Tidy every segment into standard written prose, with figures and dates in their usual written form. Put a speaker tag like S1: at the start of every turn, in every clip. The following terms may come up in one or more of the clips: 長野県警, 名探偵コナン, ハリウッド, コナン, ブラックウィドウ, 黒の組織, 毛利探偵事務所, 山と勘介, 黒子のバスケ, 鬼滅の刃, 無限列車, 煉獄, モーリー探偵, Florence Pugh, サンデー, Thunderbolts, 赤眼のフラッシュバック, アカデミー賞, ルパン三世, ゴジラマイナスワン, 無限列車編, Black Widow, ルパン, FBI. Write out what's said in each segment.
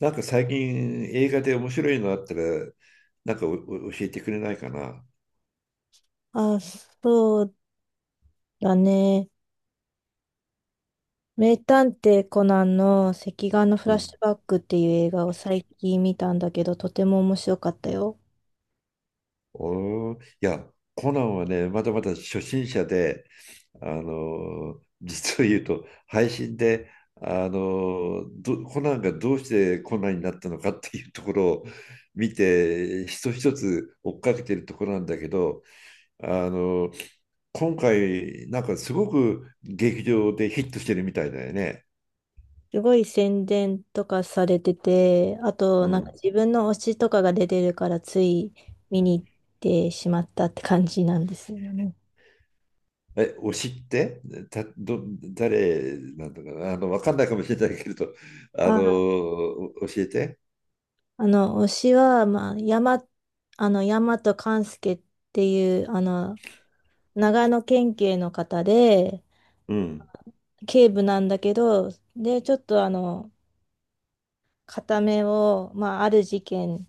S1: なんか最近映画で面白いのあったら、なんかお教えてくれないかな。
S2: あ、そうだね。名探偵コナンの赤眼のフ
S1: う
S2: ラッシ
S1: ん。
S2: ュバックっていう映画を最近見たんだけど、とても面白かったよ。
S1: いや、コナンはね、まだまだ初心者で、実を言うと、配信で、あのーど、コナンがどうしてコナンになったのかっていうところを見て、一つ一つ追っかけてるところなんだけど、あのー今回、なんかすごく劇場でヒットしてるみたいだよね。
S2: すごい宣伝とかされてて、あ
S1: う
S2: となんか
S1: ん。
S2: 自分の推しとかが出てるからつい見に行ってしまったって感じなんですよね。
S1: え、推しってた、ど、誰なんだかな、あの、わかんないかもしれないけれど、あの、
S2: あ、
S1: 教えて。
S2: 推しは、山と勘介っていう、長野県警の方で、
S1: うん、
S2: 警部なんだけど、で、ちょっと片目を、まあ、ある事件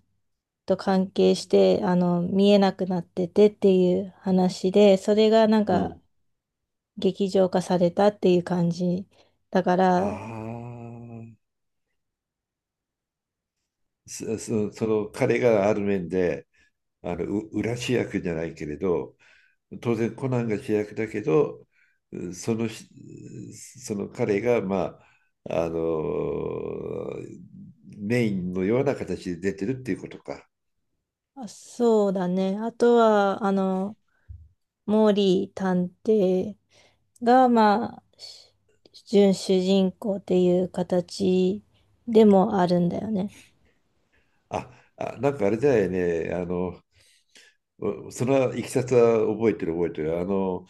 S2: と関係して、見えなくなっててっていう話で、それがなん
S1: う
S2: か
S1: ん。
S2: 劇場化されたっていう感じだか
S1: あ
S2: ら、
S1: あ、その彼がある面で、あの、裏主役じゃないけれど、当然コナンが主役だけど、うんそのし、その彼が、まあ、あの、メインのような形で出てるっていうことか。
S2: あ、そうだね。あとは、モーリー探偵が、まあ、準主人公っていう形でもあるんだよね。
S1: あ、あ、なんかあれだよね、あの、そのいきさつは覚えてる覚えてる。あの、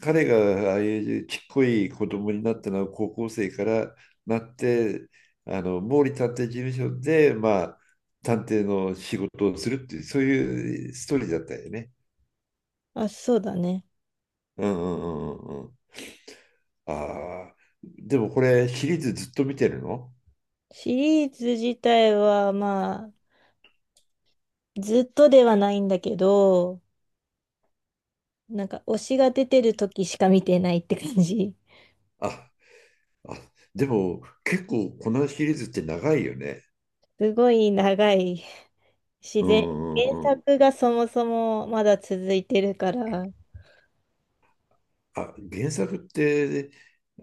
S1: 彼がああいうちっこい子供になったのは高校生からなって、あの、毛利探偵事務所で、まあ、探偵の仕事をするっていう、そういうストーリーだったよね。
S2: あ、そうだね。
S1: うんうんうんうんうん。ああ、でもこれシリーズずっと見てるの？
S2: シリーズ自体は、まあ、ずっとではないんだけど、なんか推しが出てる時しか見てないって感じ。
S1: あ、あ、でも結構このシリーズって長いよね。
S2: すごい長い。自
S1: う
S2: 然、
S1: ん
S2: 原
S1: うん。
S2: 作がそもそもまだ続いてるから。
S1: あ、原作って、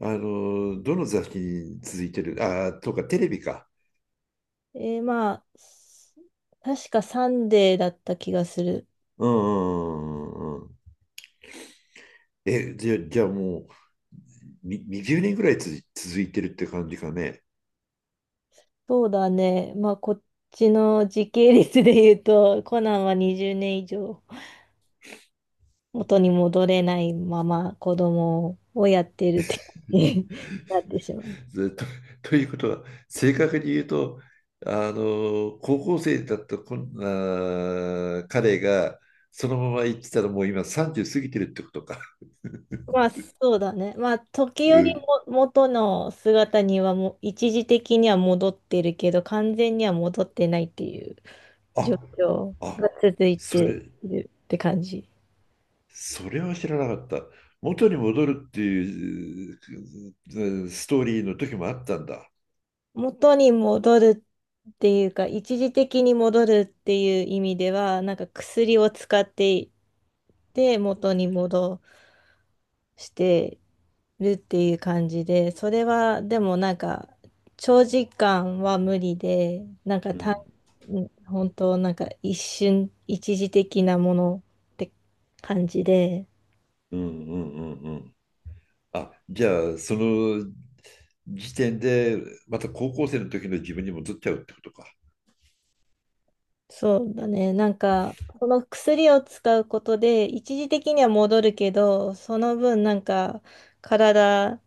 S1: あの、どの雑誌に続いてる？あ、とか、テレビか。
S2: まあ、確かサンデーだった気がする。
S1: うんうんうんうんうん。え、じゃあもう、に20年ぐらい続いてるって感じかね。
S2: そうだね。まあ、こっちの時系列で言うと、コナンは20年以上元に戻れないまま子供をやってるって感じになってしまう。
S1: ずっ と、ということは、正確に言うと、あの、高校生だったこんあー彼が、そのまま行ってたらもう今30過ぎてるってことか。
S2: まあ、そうだね。まあ、時
S1: う
S2: 折
S1: ん。
S2: も元の姿にはもう一時的には戻ってるけど、完全には戻ってないっていう状
S1: あ、
S2: 況が
S1: あ、
S2: 続いて
S1: それ、
S2: いるって感じ。
S1: それは知らなかった。元に戻るっていうえーストーリーの時もあったんだ。
S2: 元に戻るっていうか、一時的に戻るっていう意味では、なんか薬を使っていて、元に戻して、るっていう感じで、それはでもなんか長時間は無理で、なんか
S1: う
S2: た
S1: ん。
S2: ん本当なんか一瞬、一時的なものって感じで、
S1: うんうんうんうん。あ、じゃあその時点でまた高校生の時の自分に戻っちゃうってことか。
S2: そうだね、なんかこの薬を使うことで一時的には戻るけど、その分なんか体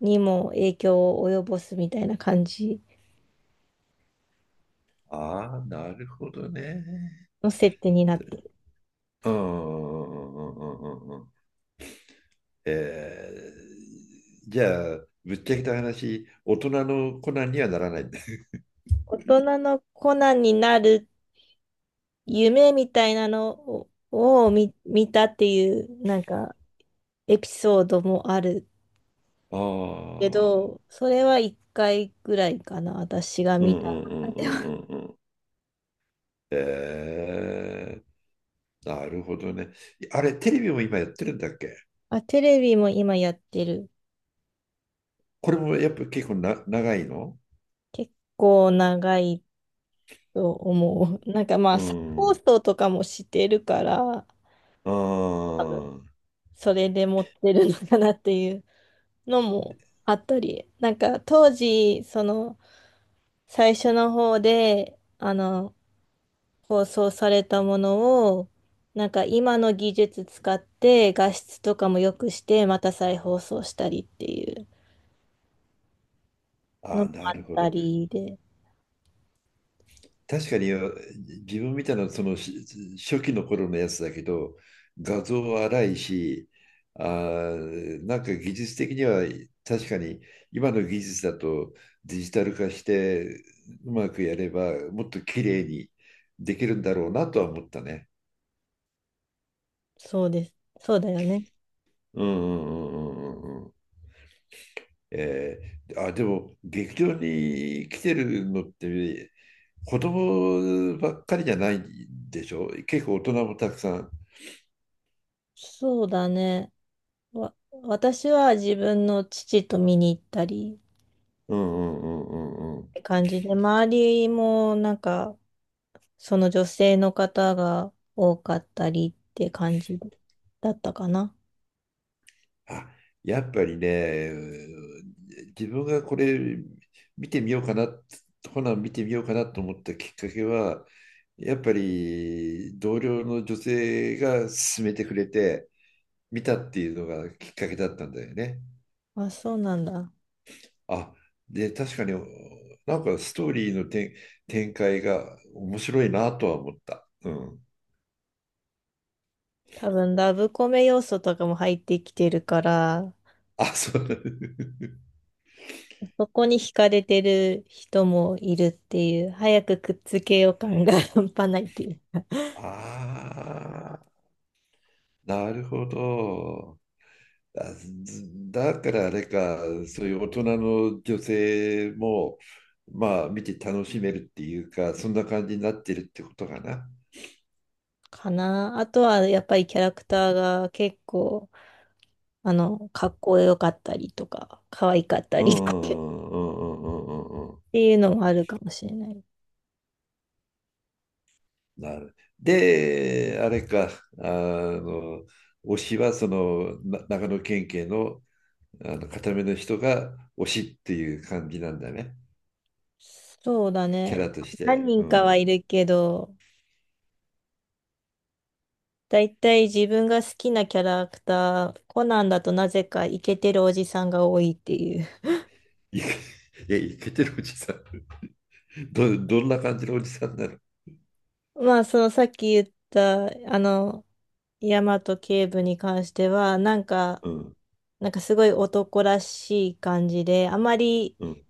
S2: にも影響を及ぼすみたいな感じ
S1: ああ、なるほどね。
S2: の設定になってる。
S1: うんうんうんうんうんうん。えー、じゃあぶっちゃけた話、大人のコナンにはならないんだ。
S2: 大人のコナンになる夢みたいなのを、見たっていうなんかエピソードもある
S1: あ
S2: け
S1: あ、
S2: ど、それは一回ぐらいかな、私が
S1: うんう
S2: 見た。
S1: んうん
S2: あ、
S1: う
S2: でも
S1: んうん。えー、なるほどね。あれ、テレビも今やってるんだっけ？
S2: あ、テレビも今やってる。
S1: これもやっぱ結構な長いの？
S2: 結構長いと思う。なんかまあ、
S1: う
S2: 再放
S1: ん。
S2: 送とかもしてるから、
S1: あ
S2: 多分それで持ってるのかなっていうのもあったり、なんか当時、その最初の方で、放送されたものを、なんか今の技術使って画質とかも良くして、また再放送したりっていう
S1: あ、
S2: の
S1: あ
S2: も
S1: ーな
S2: あ
S1: る
S2: っ
S1: ほ
S2: た
S1: ど。
S2: りで、
S1: 確かに自分みたいなその初期の頃のやつだけど、画像は荒いし、あー、なんか技術的には確かに今の技術だとデジタル化してうまくやればもっと綺麗にできるんだろうなとは思ったね。
S2: そうです。そうだよね。
S1: うんうんうんうんうん。えでも劇場に来てるのって子供ばっかりじゃないでしょ？結構大人もたくさん。
S2: そうだね。わ、私は自分の父と見に行ったり
S1: うんうんうんうんう
S2: っ
S1: ん。
S2: て感じで、周りもなんかその女性の方が多かったりって感じだったかな。
S1: あ、やっぱりね、自分がこれ見てみようかな、見てみようかなと思ったきっかけは、やっぱり同僚の女性が勧めてくれて見たっていうのがきっかけだったんだよね。
S2: あ、そうなんだ。
S1: あ、で、確かに、なんかストーリーの展、展開が面白いなとは思った。うん。
S2: 多分ラブコメ要素とかも入ってきてるから、
S1: あ、そう。
S2: そこに惹かれてる人もいるっていう、早くくっつけよう感が 半端ないっていう
S1: ああ、なるほど。あずだからあれか、そういう大人の女性も、まあ、見て楽しめるっていうか、そんな感じになってるってことかな。
S2: かな。あとはやっぱりキャラクターが結構、かっこよかったりとか、可愛かった
S1: うんう
S2: り
S1: んう
S2: とか っ
S1: んうんうんうんうんうん。
S2: ていうのもあるかもしれない。
S1: なる。で、あれか、あの、推しはその長野県警の、あの固めの人が推しっていう感じなんだね、
S2: そうだ
S1: キャ
S2: ね。
S1: ラとし
S2: 何
S1: て。う
S2: 人かは
S1: ん。
S2: いるけど、だいたい自分が好きなキャラクター、コナンだとなぜかイケてるおじさんが多いっていう。
S1: いけ、いや、いけてるおじさん。どんな感じのおじさんなの？
S2: まあ、そのさっき言った、あの、大和警部に関しては、なんか、
S1: うん、
S2: なんかすごい男らしい感じで、あまり
S1: うん。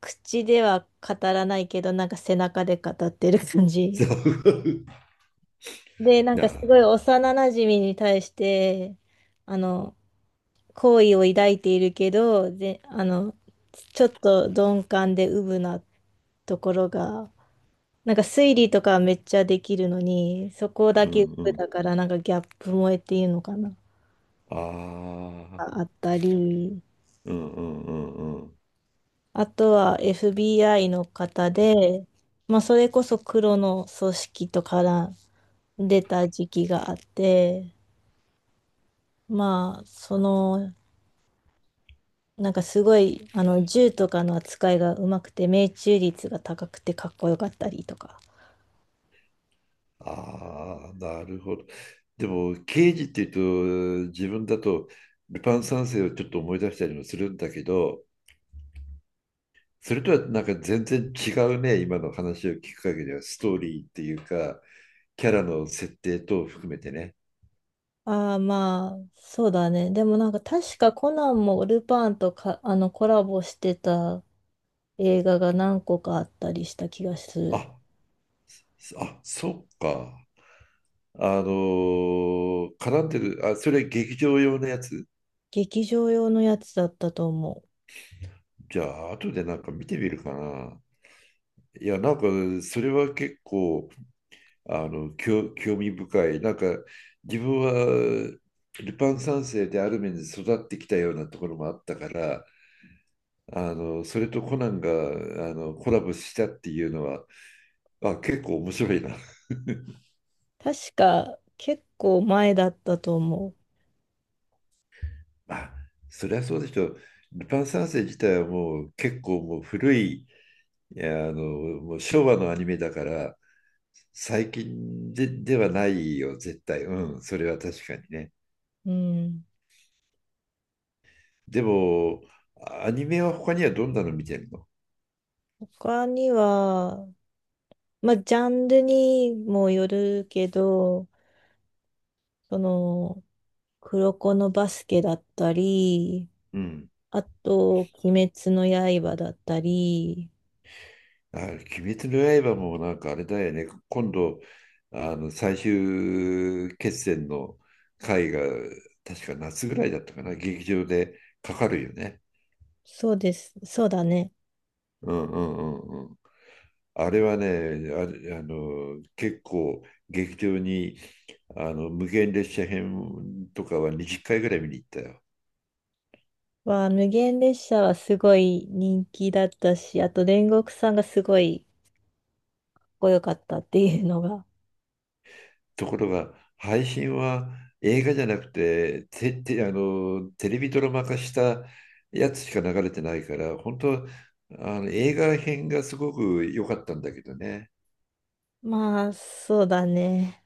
S2: 口では語らないけど、なんか背中で語ってる感
S1: そ
S2: じ。
S1: う。い
S2: で、なんかす
S1: や、
S2: ごい幼馴染に対して、あの、好意を抱いているけど、で、ちょっと鈍感でうぶなところが、なんか推理とかはめっちゃできるのに、そこだ
S1: う
S2: けう
S1: ん、う
S2: ぶ
S1: ん。
S2: だから、なんかギャップ萌えっていうのかな、
S1: ああ、
S2: あったり。
S1: うん、うん、うん、うん。
S2: あとは FBI の方で、まあ、それこそ黒の組織とから出た時期があって、まあ、その、なんかすごい、銃とかの扱いがうまくて、命中率が高くてかっこよかったりとか。
S1: ああ、なるほど。でも、刑事っていうと、自分だと、ルパン三世をちょっと思い出したりもするんだけど、それとはなんか全然違うね、今の話を聞く限りは、ストーリーっていうか、キャラの設定等を含めてね。
S2: ああ、まあ、そうだね。でもなんか確かコナンもルパンとか、コラボしてた映画が何個かあったりした気がす
S1: あ、
S2: る。
S1: あ、そっか。絡んでる、あ、それ劇場用のやつ？
S2: 劇場用のやつだったと思う。
S1: じゃあ、後でなんか見てみるかな。いや、なんか、それは結構、興味深い。なんか自分はルパン三世である面で育ってきたようなところもあったから、あのそれとコナンがあのコラボしたっていうのは、あ、結構面白いな。
S2: 確か結構前だったと思
S1: あ、そりゃそうでしょう。ルパン三世自体はもう結構もう古い、いやあのもう昭和のアニメだから、最近で、ではないよ、絶対。うん、それは確かにね。
S2: う。うん。
S1: でも、アニメは他にはどんなの見てるの？
S2: 他には、まあ、ジャンルにもよるけど、その、黒子のバスケだったり、
S1: うん。
S2: あと、鬼滅の刃だったり、
S1: あ、鬼滅の刃もなんかあれだよね。今度、あの最終決戦の回が確か夏ぐらいだったかな。劇場でかかるよね。
S2: そうです、そうだね。
S1: うんうんうんうん。あれはね、あれ、あの結構劇場にあの無限列車編とかは20回ぐらい見に行ったよ。
S2: は、無限列車はすごい人気だったし、あと煉獄さんがすごいかっこよかったっていうのが。
S1: ところが、配信は映画じゃなくて、て、て、あの、テレビドラマ化したやつしか流れてないから、本当、あの、映画編がすごく良かったんだけどね。
S2: まあ、そうだね。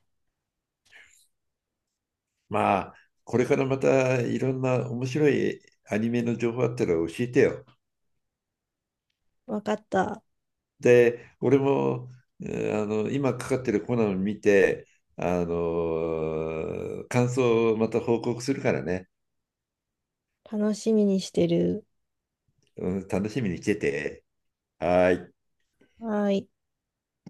S1: まあ、これからまたいろんな面白いアニメの情報あったら教えてよ。
S2: わかった。
S1: で、俺も、あの、今かかってるコナンを見て、あの、感想をまた報告するからね。
S2: 楽しみにしてる。
S1: うん、楽しみにしてて。はーい。
S2: はい。